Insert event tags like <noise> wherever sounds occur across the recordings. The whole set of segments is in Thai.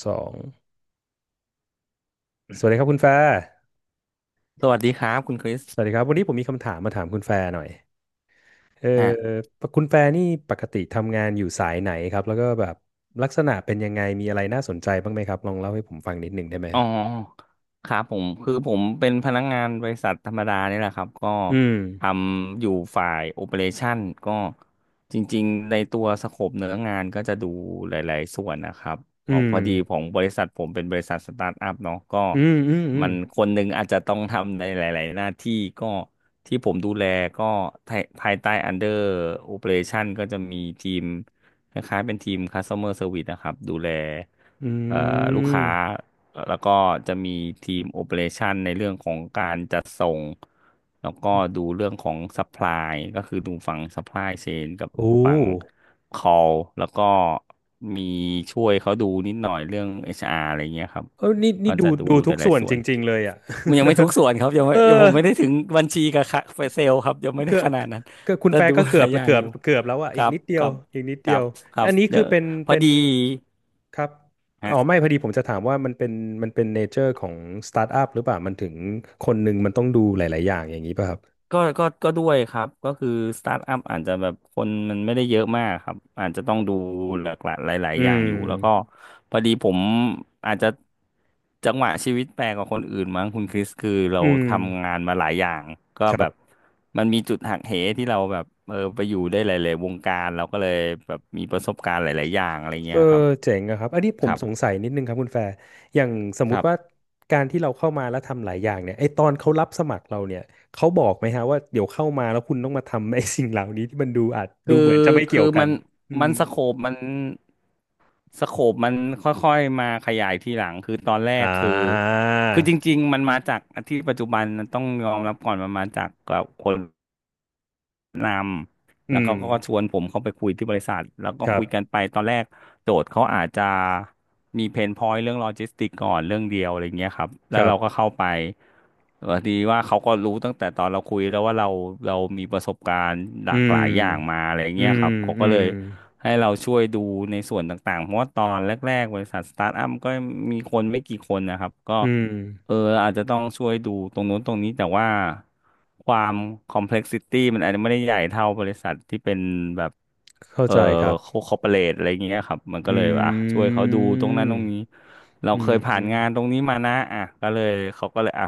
สอง สวัสดีครับคุณแฟร์สวัสดีครับคุณคริสสวัสดีครับวันนี้ผมมีคำถามมาถามคุณแฟร์หน่อยเออฮะ คุณแฟร์นี่ปกติทำงานอยู่สายไหนครับแล้วก็แบบลักษณะเป็นยังไง มีอะไรน่าสนใจบ้างไหมครับลองเล่าให้ผมฟังนิดหนึ่งได้ไหมอ๋อครับผมคือผมเป็นพนักงานบริษัทธรรมดานี่แหละครับก็อืม ทำอยู่ฝ่ายโอเปอเรชันก็จริงๆในตัวสโคปเนื้องานก็จะดูหลายๆส่วนนะครับขอืองพม อดีของบริษัทผมเป็นบริษัทสตาร์ทอัพเนาะก็อืม อืมอืมัมนคนหนึ่งอาจจะต้องทำในหลายๆหน้าที่ก็ที่ผมดูแลก็ภายใต้ Under Operation ก็จะมีทีมคล้ายๆเป็นทีม Customer Service นะครับดูแลอืเอ่อลูกค้า มแล้วก็จะมีทีมโอ e r a t i o n ในเรื่องของการจัดส่งแล้วก็ดูเรื่องของ Supply ก็คือดูฝั่ง Supply Chain กับโอ้ฝั่ง Call แล้วก็มีช่วยเขาดูนิดหน่อยเรื่อง HR อชอาร์อะไรเงี้ยครับเออนี่นี่ก็ดูจะดูดูหทุกลาส่ยวนๆส่จวนริงๆเลยอ่ะ มันยังไม่ทุกส่วนครับยัง <laughs> ไม่เออ ยังผมไม่ได้ถึงบัญชีกับค่ะเซลล์ครับยังไม่ได้เกือบขนาดนั้นเกือบคุณแต่แฟร์ดูก็หเกือลาบยอละย่างเกืออบยู่เกือบแล้วอ่ะคอีรักบนิดเดีคยวรับอีกนิดคเดีรัยบวครัอับนนี้เดี๋คืยอวเป็นพอเป็นดี ครับอ๋อไม่พอดีผมจะถามว่ามันเป็นเนเจอร์ของสตาร์ทอัพหรือเปล่ามันถึงคนหนึ่งมันต้องดูหลาย ๆ อย่างอย่างนี้ป่ะครับก็ด้วยครับก็คือสตาร์ทอัพอาจจะแบบคนมันไม่ได้เยอะมากครับอาจจะต้องดูหลากหลายหลายอืๆอย่างอยู่แล้วก็มพอดีผมอาจจะจังหวะชีวิตแปลกกว่าคนอื่นมั้งคุณคริสคือเราอืมทำงานมาหลายอย่างก็คแบรับบ มันมีจุดหักเหที่เราแบบไปอยู่ได้หลายๆวงการเราก็เลยแบบมีประสบการณ์หลายๆอย่างอะไรเอเงี้อยครับเจ๋งอะครับอันนี้ผคมรัสงบสัยนิดนึงครับคุณแฟร์อย่างสมคมุรัติบ ว่าการที่เราเข้ามาแล้วทำหลายอย่างเนี่ยไอตอนเขารับสมัครเราเนี่ยเขาบอกไหมฮะว่าเดี๋ยวเข้ามาแล้วคุณต้องมาทำไอสิ่งเหล่านี้ที่มันดูอาจคืดูอเหมือนจะไม่เกี่คืยอวกัมันนอืมัมนสโคปมันค่อยๆมาขยายทีหลังคือตอนแรอ่กคือาคือจริงๆมันมาจากที่ปัจจุบันต้องยอมรับก่อนมันมาจากกับคน นำแล้อืวมเขาก็ชวนผมเข้าไปคุยที่บริษัทแล้วก็ครัคุยกันบไปตอนแรกโจทย์เขาอาจจะมีเพนพอยต์เรื่องโลจิสติกก่อนเรื่องเดียวอะไรเงี้ยครับแล้ควรับเราก็เข้าไปดีว่าเขาก็รู้ตั้งแต่ตอนเราคุยแล้วว่าเรามีประสบการณ์หอืลากหลายมอย่างมาอะไรอืเงี้ยมครับเขาอืก็เลมยให้เราช่วยดูในส่วนต่างๆเพราะว่าตอนแรกๆบริษัทสตาร์ทอัพก็มีคนไม่กี่คนนะครับก็ อืมเอออาจจะต้องช่วยดูตรงนู้นตรงนี้แต่ว่าความคอมเพล็กซิตี้มันอาจจะไม่ได้ใหญ่เท่าบริษัทที่เป็นแบบเข้าเออใจครับคอร์ปอเรทอะไรอย่างเงี้ยครับมันอืก็เลยอ่ะช่วยเขาดูตรงนั้นตรมงนี้เราอืเคยม ผ่านงานตรงนี้มานะอ่ะก็เลยเขาก็เลยอ่ะ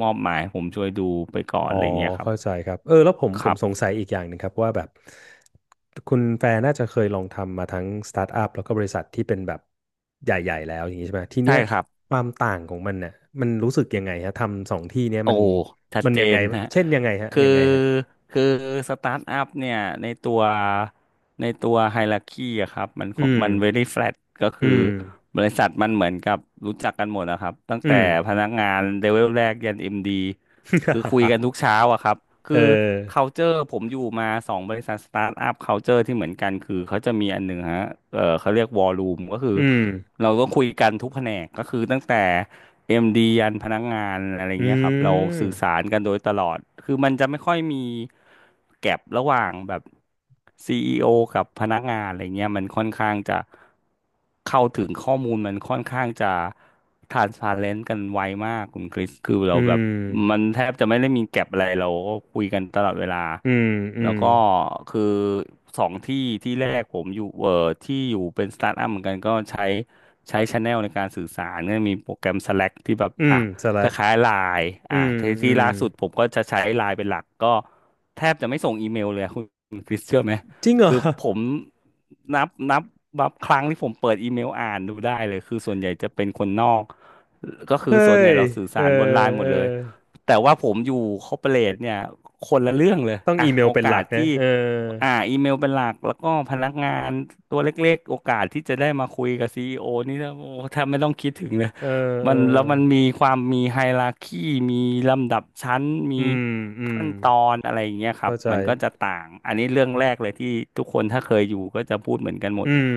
มอบหมายให้ผมช่วยดูไปก่อนอ๋อะอไรเงี้ยครับเข้าใจครับเออแล้วผมคผรัมสงบสัยอีกอย่างหนึ่งครับว่าแบบคุณแฟนน่าจะเคยลองทำมาทั้งสตาร์ทอัพแล้วก็บริษัทที่เป็นแบบใหญ่ๆแล้วอย่างนี้ใช่ไหมทีใช่เนี้ยครับ ความต่างของมันเนี่ยมันรู้สึกยังไงฮะทำสองที่เนี้ยโอ้มันชัดมันเจยังไงนฮะเช่นยังไงฮะคือยังไงฮะคือสตาร์ทอัพเนี่ยในตัวในตัวไฮรักคีอะครับมันขออืงมมัน very flat ก็อืคือมบริษัทมันเหมือนกับรู้จักกันหมดนะครับตั้งอืแต่ม พนักงานเลเวลแรกยันเอ็มดีคือคุยกัน <laughs> ทุกเช้าอะครับเอคืออ culture ผมอยู่มาสองบริษัทสตาร์ทอัพ culture ที่เหมือนกันคือเขาจะมีอันหนึ่งฮะเขาเรียกวอลลุ่มก็คือ อืมเราก็คุยกันทุกแผนกก็คือตั้งแต่เอ็มดียันพนักงานอะไรอืเงี้ยครับ เรามสื่อสารกันโดยตลอด คือมันจะไม่ค่อยมีแก็บระหว่างแบบซีอีโอกับพนักงานอะไรเงี้ยมันค่อนข้างจะเข้าถึงข้อมูลมันค่อนข้างจะ transparent กันไวมากคุณคริสคืออืเราแบบมมันแทบจะไม่ได้มีแก็บอะไรเราก็คุยกันตลอดเวลา อืมอืแล้วมก็คือสองที่ที่แรกผมอยู่ที่อยู่เป็นสตาร์ทอัพเหมือนกันก็ใช้ ใช้ช n แนลในการสื่อสารเน่มีโปรแกรม Slack ที่แบบอืมอ่ะสลัคกล้ายๆไลน์อือ่ะมที่อืที่มล่าสุดผมก็จะใช้ไลน์เป็นหลักก็แทบจะไม่ส่งอีเมลเลยอะคุณคริสเชื่อไหมจริงเหรอ คือผมนับนับนับครั้งที่ผมเปิดอีเมลอ่านดูได้เลยคือส่วนใหญ่จะเป็นคนนอกก็คือส่วนเฮ้ใหญ่ย เราสื่อเอสารบนไลอน์หมเออดเลยแต่ว่าผมอยู่คอร์ปอเรทเนี่ยคนละเรื่องเลยต้องอีอ่ะเมลโอเป็นหกาลัสกนะที่ เอออีเมลเป็นหลักแล้วก็พนักงานตัวเล็กๆโอกาสที่จะได้มาคุยกับซีอีโอนี่นะโอ้แทบไม่ต้องคิดถึงเลยเออเอมัอนแล้วมันมีความมีไฮราคีมีลำดับชั้นอืมีม อืม ขั้นตอนอะไรอย่างเงี้ยครับเข้าใจ มันก็จะต่างอันนี้เรื่องแรกเลยที่ทุกคนถ้าเคยอยู่ก็จะพูดเหมือนกันหมอืดม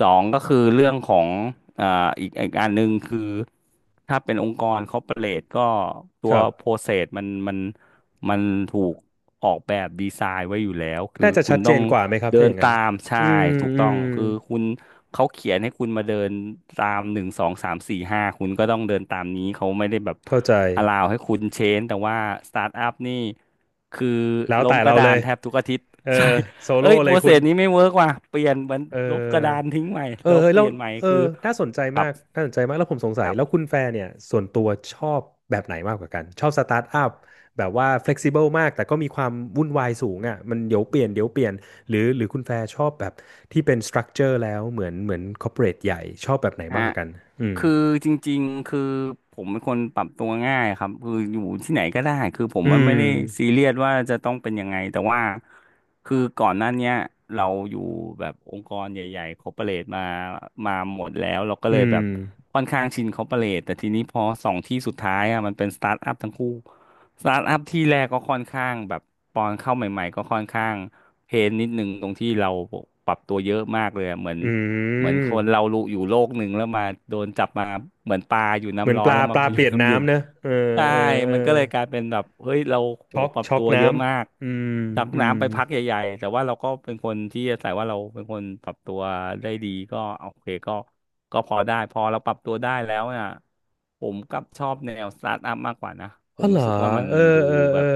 สองก็คือเรื่องของอ่าอีกอันหนึ่งคือถ้าเป็นองค์กรคอร์ปอเรทก็ตัควรัโปรบ เซสมัน มันถูกออกแบบดีไซน์ไว้อยู่แล้วคือน่าจะคุชัณดเจต้อนงกว่าไหมครับเดิถ้าอนย่างนั้ตาน มใช่อืม ถูกอืต้องม คือคุณเขาเขียนให้คุณมาเดินตามหนึ่งสองสามสี่ห้าคุณก็ต้องเดินตามนี้เขาไม่ได้แบบเข้าใจ อลาวให้คุณเชนแต่ว่าสตาร์ทอัพนี่คือแล้วล้มแต่กเราระเลดานย แทบทุกอาทิตย์ เออ <laughs> ใช่โซโล่เอ้ยโปเลรยเซคุณ สนี้ไม่เวิร์กว่ะเปลี่ยนมันเอลบกอ ระดานทิ้งใหม่เออแล้วเออเปแล้วลี่ยนใหม่เอคืออน่าสนใจครับ มากน่าสนใจมากแล้วผมสงสัยแล้วคุณแฟร์เนี่ยส่วนตัวชอบแบบไหนมากกว่ากันชอบสตาร์ทอัพแบบว่า flexible มากแต่ก็มีความวุ่นวายสูงอ่ะมันเดี๋ยวเปลี่ยนเดี๋ยวเปลี่ยนหรือหรือคุณแฟร์ชอบแบบที่เป็น structure แล้วเหมือนเหมือน corporate ใหญ่ชอบแบบไหนมากฮะกว่ากันอืมคือจริงๆคือผมเป็นคนปรับตัวง่ายครับคืออยู่ที่ไหนก็ได้คือผมอืมันไม่มได้ซีเรียสว่าจะต้องเป็นยังไงแต่ว่าคือก่อนหน้าเนี้ยเราอยู่แบบองค์กรใหญ่ๆคอร์ปอเรทมามาหมดแล้วเราก็อืเลยมแบบค่อนข้างชินคอร์ปอเรทแต่ทีนี้พอสองที่สุดท้ายอ่ะมันเป็นสตาร์ทอัพทั้งคู่สตาร์ทอัพที่แรกก็ค่อนข้างแบบตอนเข้าใหม่ๆก็ค่อนข้างเพนนิดนึงตรงที่เราปรับตัวเยอะมากเลยอะเหมือน อืเหมือนมคนเรารู้อยู่โลกหนึ่งแล้วมาโดนจับมาเหมือนปลาอยู่เหมือน้ำนร้อปนลาแล้วปมาลาอเปยู่ลี่ยนน้ำเย็นน้ำเนอะเออใช่เออเออมันก็เลยกลายเป็นแบบเฮ้ยเราโหช็อกปรับช็อกตัวน้เยอะมากำอืมจากอืมน้ำไปพักใหญ่ๆแต่ว่าเราก็เป็นคนที่อาศัยว่าเราเป็นคนปรับตัวได้ดีก็โอเคก็พอได้พอเราปรับตัวได้แล้วน่ะผมกลับชอบแนวสตาร์ทอัพมากกว่านะผอ๋อมเหรรู้อสึกว่ามันเออดูเออเอแบอบ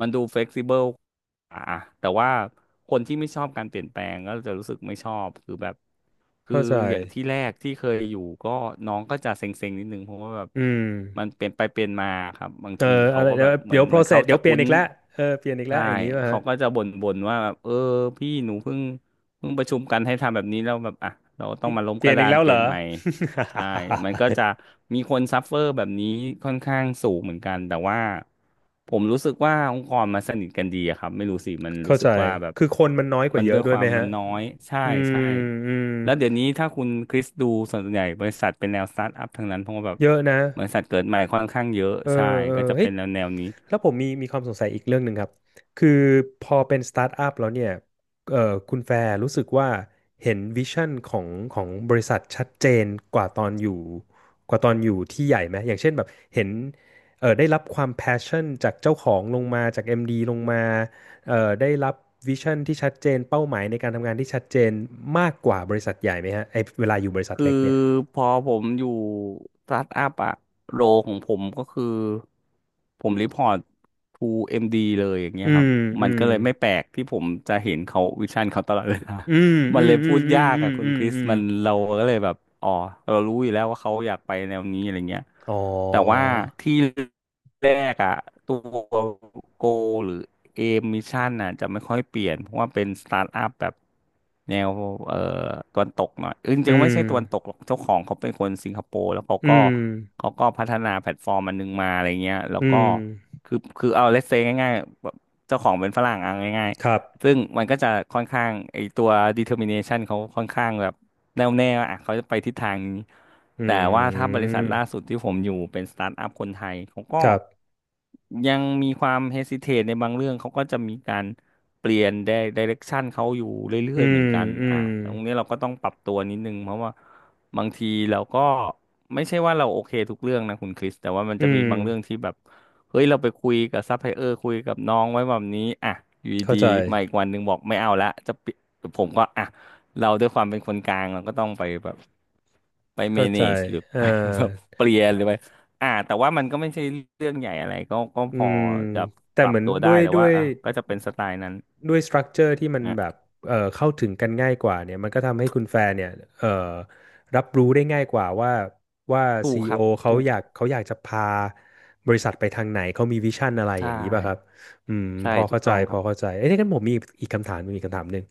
มันดูเฟ e ซิเบิล อ่ะแต่ว่าคนที่ไม่ชอบการเปลี่ยนแปลงก็จะรู้สึกไม่ชอบคือแบบคือเข้าใจ อย่างที่แรกที่เคยอยู่ก็น้องก็จะเซ็งๆนิดนึงเพราะว่าแบบอืมมันเปลี่ยนไปเปลี่ยนมาครับบางเออทีอะเขาไรก็เดี๋แบยวบเหมือเดี๋ยนว เขา process เดี๋ยจะวเปลี่ยคุ้นนอีกแล้วเออเปลี่ยนอีกแล้ใช่วอย่างนี้ป่ะเขาฮะ ก็จะบ่นๆว่าแบบเออพี่หนูเพิ่งประชุมกันให้ทำแบบนี้แล้วแบบอ่ะเราต้องมาล้มเปกลี่ยระนดาอีกนแล้วเปเหรลี่ยนอ ใหม่ ใช่มันก็จะมีคนซัฟเฟอร์แบบนี้ค่อนข้างสูงเหมือนกัน แต่ว่าผมรู้สึกว่าองค์กรมันสนิทกันดีอะครับ ไม่รู้สิ มัน <laughs> รู้เข้าสึใจ กว่าแบบคือคนมันน้อยกมัว่านเยด้อะวยด้วคยวาไหมมมัฮะนน้อย ใช่อืใช่มอืม แล้วเดี๋ยวนี้ถ้าคุณคริสดูส่วนใหญ่บริษัทเป็นแนวสตาร์ทอัพทั้งนั้นเพราะว่าแบบเยอะนะ บริษัทเกิดใหม่ค่อนข้างเยอะ เออใช่ เออก็จะเฮ้ยเป็นแนวแนวนี้ แล้วผมมีความสงสัยอีกเรื่องหนึ่งครับคือพอเป็นสตาร์ทอัพแล้วเนี่ยเออคุณแฟร์รู้สึกว่าเห็นวิชั่นของของบริษัทชัดเจนกว่าตอนอยู่กว่าตอนอยู่ที่ใหญ่ไหมอย่างเช่นแบบเห็นเออได้รับความแพชชั่นจากเจ้าของลงมาจาก MD ลงมาเออได้รับวิชั่นที่ชัดเจนเป้าหมายในการทำงานที่ชัดเจนมากกว่าบริษัทใหญ่ไหมฮะไอเวลาอยู่บริษัทคือเล็กเนี่ยพอผมอยู่สตาร์ทอัพอะโรของผมก็คือผมรีพอร์ต to เอ็มดีเลยอย่างเงี้อืยครับมอืมันมก็เลยไม่แปลกที่ผมจะเห็นเขาวิชั่นเขาตลอดเวลา อืม <laughs> มัอืนเลมยอืพูมดอืมยากอืมอะคุณคริสอืม มันเราก็เลยแบบอ๋อเรารู้อยู่แล้วว่าเขาอยากไปแนวนี้อะไรเงี้ยอ๋อแต่ว่าที่แรกอะตัวโกหรือ เกมมิชชั่นน่ะจะไม่ค่อยเปลี่ยนเพราะว่าเป็นสตาร์ทอัพแบบแนวเอ่อตะวันตกหน่อยจอืริงๆไม่มใช่ตะวันตกหรอกเจ้าของเขาเป็นคนสิงคโปร์แล้วเขาอืก็มพัฒนาแพลตฟอร์มอันนึงมาอะไรเงี้ยแล้วอืก็มคือเอาเล s เซง่ายๆแบบเจ้าของเป็นฝรั่งเอาง่าย ครับซึ่งมันก็จะค่อนข้างไอตัว determination เขาค่อนข้างแบบแน่วแน่ว่าอ่ะเขาจะไปทิศทางนี้อืแต่ว่าถ้าบริษัทล่ามสุดที่ผมอยู่เป็นสตาร์ทอัพคนไทยเขาก็ครับยังมีความ hesitate ในบางเรื่องเขาก็จะมีการเปลี่ยน direction เขาอยู่เรื่อือยๆเหมมือนกันอือ่ะมตรงนี้เราก็ต้องปรับตัวนิดนึงเพราะว่าบางทีเราก็ไม่ใช่ว่าเราโอเคทุกเรื่องนะคุณคริสแต่ว่ามันอืจะมีมบางเรื่องที่แบบ เฮ้ยเราไปคุยกับซัพพลายเออร์คุยกับน้องไว้แบบนี้อ่ะอยู่เข้าดีใจๆมาอีกวันหนึ่งบอกไม่เอาละจะปิดผมก็อ่ะเราด้วยความเป็นคนกลางเราก็ต้องไปแบบไปเมเข้าเนใจจหรือ <laughs> อ่าไปแบบเปลี่ยนหรือไปอ่ะแต่ว่ามันก็ไม่ใช่เรื่องใหญ่อะไรก็อืพอมจะแต่ปรัเหบมือนตัวด้ได้วยแต่ด้วว่ายอ่ะก็จะเป็นสไตล์นั้นด้วยสตรัคเจอร์ที่มันอ่ะแบบเข้าถึงกันง่ายกว่าเนี่ยมันก็ทำให้คุณแฟร์เนี่ยเอ่อรับรู้ได้ง่ายกว่าว่าว่าถูซีกอีคโอรับเขาถูกอยากเขาอยากจะพาบริษัทไปทางไหน เขามีวิชั่นอะไรอใช่ย่างนี้ป่ะครับ อืมใช่พอถูเข้ากใจต้องคพรัอบเข้าใจเอ้ยงั้นผมมีอีกคำถามมีอีกคำถามหนึ่ง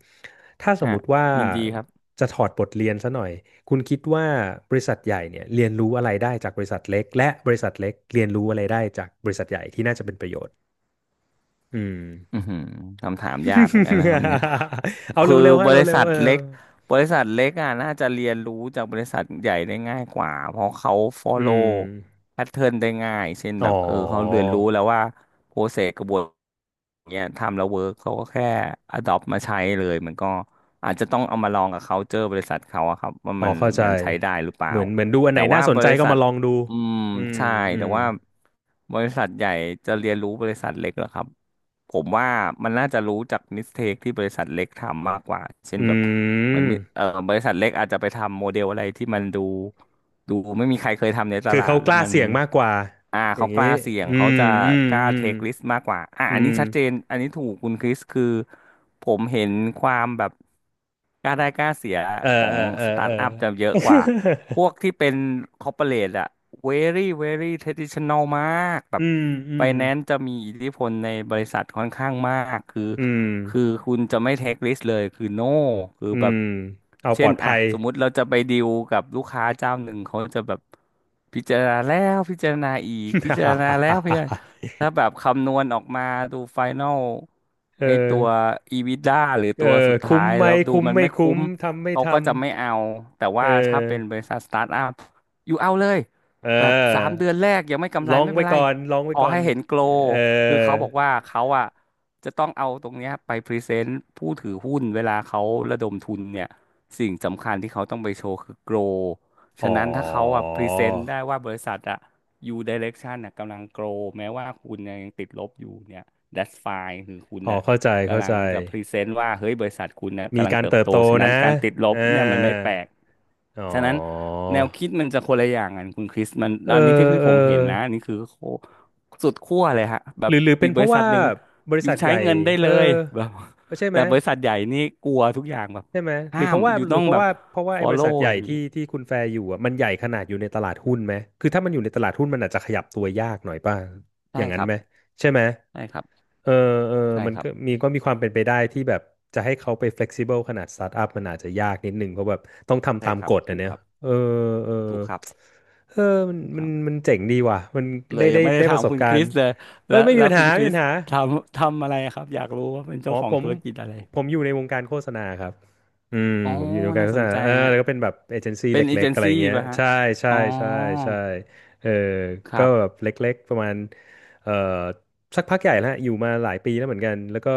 ถ้าสมฮะมุติว่ายินดีครับจะถอดบทเรียนซะหน่อยคุณคิดว่าบริษัทใหญ่เนี่ยเรียนรู้อะไรได้จากบริษัทเล็กและบริษัทเล็กเรียนรู้อะไรได้จากบริษัทใหญ่ที่น่าจะเป็นประโยชน์อืม อือหือคำถามยากเหมือนกันนะครับเนี่ย <laughs> เอาคือเร็วๆฮะบริเร็วษัทๆเออเล็กบริษัทเล็กอ่ะน่าจะเรียนรู้จากบริษัทใหญ่ได้ง่ายกว่าเพราะเขา อื follow ม pattern ได้ง่ายเช่นอ๋แบอบเออเขาเรียนรู้แล้วว่า process กระบวนเนี่ยทำแล้วเวิร์กเขาก็แค่ adopt มาใช้เลยมันก็อาจจะต้องเอามาลองกับ culture บริษัทเขาอะครับว่าอ๋อมันเข้าใจมันใช้ได้หรือเปล่าเหมือนเหมือนดูอันไหนแต่น่าว่าสนบใจริก็ษัมาทลองดูอืมอืมใช่อืแต่มว่าบริษัทใหญ่จะเรียนรู้บริษัทเล็กเหรอครับ ผมว่ามันน่าจะรู้จากมิสเทคที่บริษัทเล็กทำมากกว่าเช่อืนแบบเหมันมเอ่ม อบริษัทเล็กอาจจะไปทำโมเดลอะไรที่มันดูไม่มีใครเคยทำในตคือลาเขาดกแล้วล้ามันเสี่ยงมากกว่าอ่าอย่าเขางกนี้ล้าเสี่ยงอืเขามจะอืมกล้าอืเทมคริสมากกว่าอ่าอือันนี้มชัดเจนอันนี้ถูกคุณคริสคือผมเห็นความแบบกล้าได้กล้าเสียเออขอเองอเออสตาเอร์ทอ อัพจะเยอะ <laughs> กว่า พวกที่เป็นคอร์ปอเรทอะ very very traditional มากแบอืบมอืไฟมแนนซ์จะมีอิทธิพลในบริษัทค่อนข้างมากคืออืมคือคุณจะไม่ take risk เลยคือ no คืออืแบบมเอาปเช่ลอนดอะภัย สมมุติเราจะไปดีลกับลูกค้าเจ้าหนึ่งเขาจะแบบพิจารณาแล้วพิจารณาอีกพิจารณาแล้วพิจารณา <laughs> ถ้าแบบคำนวณออกมาดูไฟน a ลเอไอตัอว EBITDA หรือเอตัอวสุดท้าคุ้มยไหมแล้วดูคุ้มมันไม่ไม่คุ้คุ้มม ทำไม่เขาทก็จะไม่เอาแต่ำเอว่าถ้าเป็นบอริษัทสตาร์ทอัพอยู่เอาเลยเแบบสามออเดือนแรกยังไม่กำลไรองไม่เป็ไว้นไรก่อนลองขไว้อก่อให้นเห็นโกลเอคือเขาอบอกว่าเขาอ่ะจะต้องเอาตรงเนี้ยไปพรีเซนต์ผู้ถือหุ้นเวลาเขาระดมทุนเนี่ยสิ่งสำคัญที่เขาต้องไปโชว์คือโกลอ๋ฉะนั้นถ้าเขาออ่ะพรีเซนต์ได้ว่าบริษัทอ่ะยูไดเรกชันน่ะกำลังโกรแม้ว่าคุณเนี่ยยังติดลบอยู่เนี่ย that's fine คือคุณอ๋อน่ะ เข้าใจเข้ากำลัใจงจะพรีเซนต์ว่าเฮ้ยบริษัทคุณนะมีกำลังการเติบเติบโตโตฉะนั้นะนการติดลบอ่า เนี่ยมันไม่แปลกอ๋อ ฉะนั้นแนวคิดมันจะคนละอย่างกันคุณคริสมันเออ อันนี้ที่เออผมเห็นนะอันนี่คือโคสุดขั้วเลยฮะแบหรืบอหรือเป็อีนกเพบริราะษัว่าทหนึ่งบริอยู่ษัทใหใช้ญ่ เงินได้เอเลอยแบบเออใช่ไหแต่ม บริษัทใหญ่นี่กลัวทุกอย่างแบบใช่ไหมหรืห้าอเพมราะว่าอยู่หรืต้อองเพแบราะบ ว่าเพราะว่าไอ้บริษัท follow ใหอญ่ย่างนี้ที่คุณแฟร์อยู่อ่ะมันใหญ่ขนาดอยู่ในตลาดหุ้นไหมคือถ้ามันอยู่ในตลาดหุ้นมันอาจจะขยับตัวยากหน่อยป่ะอใช่ย่างคนั้นรับไหมใช่ไหมใช่ครับเออเออใช่มันครัก็บมีก็มีความเป็นไปได้ที่แบบจะให้เขาไป flexible ขนาดสตาร์ทอัพมันอาจจะยากนิดนึงเพราะแบบต้องทำใช่ตามครักบฎอ่ะถูกเนี่คยรับเออเออถูกครับเออมันถูกมัคนรับ มันเจ๋งดีว่ะมันเลได้ยยัได้งไม่ได้ได้ปถาระมสบคุณกาครริณ์สเลยเอ้แล้ยวไม่มีแล้วปัญคุหาณคไม่ริมีสปัญหา ทำอะไรครับอยากรู้ว่าเป็นอ๋เจ้าอขอผงมธุรกิจอะไรผมอยู่ในวงการโฆษณาครับอืมอ๋อผมอยู่ในวงการน่าโฆสษนณาใจเออฮะแล้วก็เป็นแบบเอเจนซี่เป็นเอเล็เจกๆนอะไรซี่อย่างเงี้ยป่ะฮะใช่ใช่อ๋อใช่ใช่เออคก็รับแบบเล็กๆประมาณเอ่อสักพักใหญ่แล้วฮะอยู่มาหลายปีแล้วเหมือนกันแล้วก็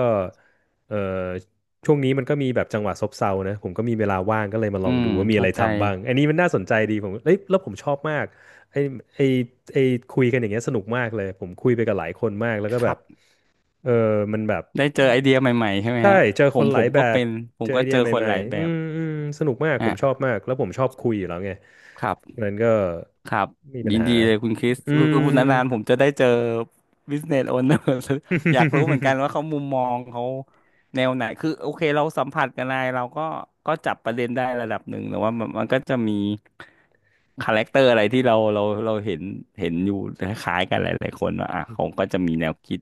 เอ่อช่วงนี้มันก็มีแบบจังหวะซบเซานะผมก็มีเวลาว่างก็เลยมาลอืองมดูว่ามีอะเข้าไรใจทำบ้างอันนี้มันน่าสนใจดีผมเอ้ยแล้วผมชอบมากไอ้ไอ้ไอ้คุยกันอย่างเงี้ยสนุกมากเลยผมคุยไปกับหลายคนมากแล้วก็คแบรับ บเออ มันแบบได้เจอไอเดียใหม่ๆใช่ไหมใช่ฮะเจอผคนมหผลายมแบก็บเป็นผเจมอไอก็เดีเจยอใหคนม่หลายๆแบอืบมอืมสนุกมากผฮะมชอบมากแล้วผมชอบคุยอยู่แล้วไงครับ ฉะนั้นก็ครับไมมีปัญยินหาดีเลยคุณคริสอืคืม อพูดนานๆผมจะได้เจอ business owner <laughs> อยากรู้เหมือนกันว่าเขา <laughs> มุมมองเขาแนวไหนคือโอเคเราสัมผัสกันไลยเราก็ก็จับประเด็นได้ระดับหนึ่งแต่ว่ามันก็จะมีคาแรคเตอร์อะไรที่เราเห็นเห็นอยู่คล้ายๆกันหลายๆคนว่าอ่ะเขาก็จะมีแนวคิด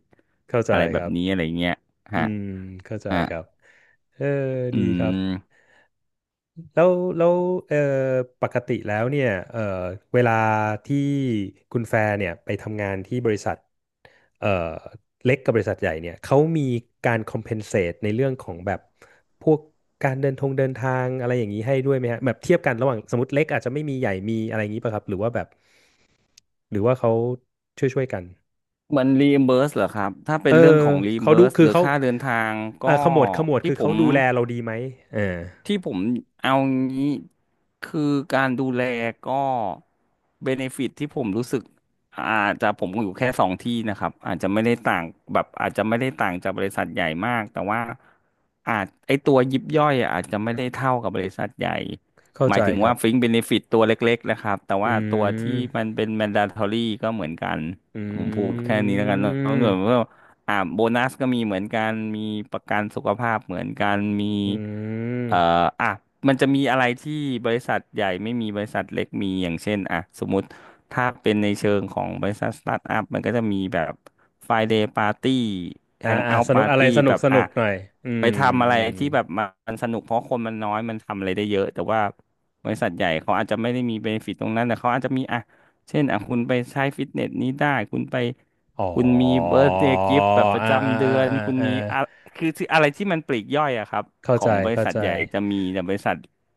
เข้าใจอะไรแบคบรับนี้อะไรเงี้ยอืฮะมเข้าใจอ่ะครับเอออืดีครับ มแล้วแล้วเอ่อปกติแล้วเนี่ยเวลาที่คุณแฟร์เนี่ยไปทำงานที่บริษัทเอ่อเล็กกับบริษัทใหญ่เนี่ยเขามีการ compensate ในเรื่องของแบบพวกการเดินทงเดินทางอะไรอย่างนี้ให้ด้วยไหมฮะแบบเทียบกันระหว่างสมมติเล็กอาจจะไม่มีใหญ่มีอะไรอย่างนี้ป่ะครับหรือว่าแบบหรือว่าเขาช่วยกันมันรีเ b ิร์สเหรอครับถ้าเป็เอนอเรื่องของรีเขาเ b ิดูร์สคืหอรือเขาค่าเดินทางก็อ่าขมวดที่คือผเขาม ดูแลเราดีไหมเออที่ผมเอางี้คือการดูแลก็เบเนฟิตที่ผมรู้สึกอาจจะผมอยู่แค่สองที่นะครับอาจจะไม่ได้ต่างแบบอาจจะไม่ได้ต่างจากบริษัทใหญ่มากแต่ว่าอาจไอตัวยิบย่อยอะอาจจะไม่ได้เท่ากับบริษัทใหญ่เข้าหมาใจยถึงครัว่าบฟิงเบเนฟิตตัวเล็กๆนะครับแต่อืว่าตัวที่มันม เป็น mandatory ก็เหมือนกันอืผมพูดแค่นี้แล้วกันเนอมะ อ่าโบนัสก็มีเหมือนกันมีประกันสุขภาพเหมือนกันมีอืเอ่อมอ่ะมันจะมีอะไรที่บริษัทใหญ่ไม่มีบริษัทเล็กมีอย่างเช่นอ่ะสมมติถ้าเป็นในเชิงของบริษัทสตาร์ทอัพมันก็จะมีแบบ Friday Party อ่าอ่า Hangout สนุกอะไร Party สนุแบกบสนุอ่ะกหน่อยอืมไปทำอะอืไรมที่แบบมันสนุกเพราะคนมันน้อยมันทำอะไรได้เยอะแต่ว่าบริษัทใหญ่เขาอาจจะไม่ได้มีเบนฟิตตรงนั้นแต่เขาอาจจะมีอ่ะ เช่นอ่ะคุณไปใช้ฟิตเนสนี้ได้คุณไปอ๋อคุณมีเบิร์ d เดย์กิฟต์แบบประอ่าอ่าจำเดือ่าอนอ่าคุณอ่ามีอะคืออะไรที่มันปลีกย่อยอะครับเข้าขอใจงบริเข้าษัทใจใหญ่จะมีแต่บริษัท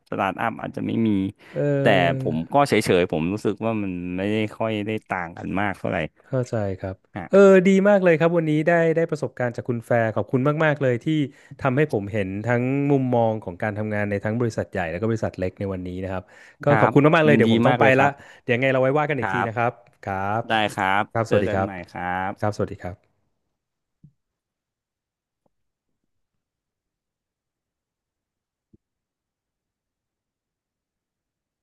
สตาร์ทอัพอาจจะไม่มีเอแต่ผอมก็เฉยๆผมรู้สึกว่ามันไม่ได้ค่อยได้ต่างกันมากเท่าไหร่เข้าใจครับอ่ะเออดีมากเลยครับวันนี้ได้ประสบการณ์จากคุณแฟร์ขอบคุณมากๆเลยที่ทำให้ผมเห็นทั้งมุมมองของการทำงานในทั้งบริษัทใหญ่แล้วก็บริษัทเล็กในวันนี้นะครับก็ครัขอบบคุณมากๆเลยยินเดี๋ยดีวผมต้อมางกไปเลยคละรับเดี๋ยวไงเราไว้ว่ากันคอีกรัทีบนะครับครับได้ครับครับสเจอวัสดีกัคนรับใหม่ครัครับบสวัสดีครับ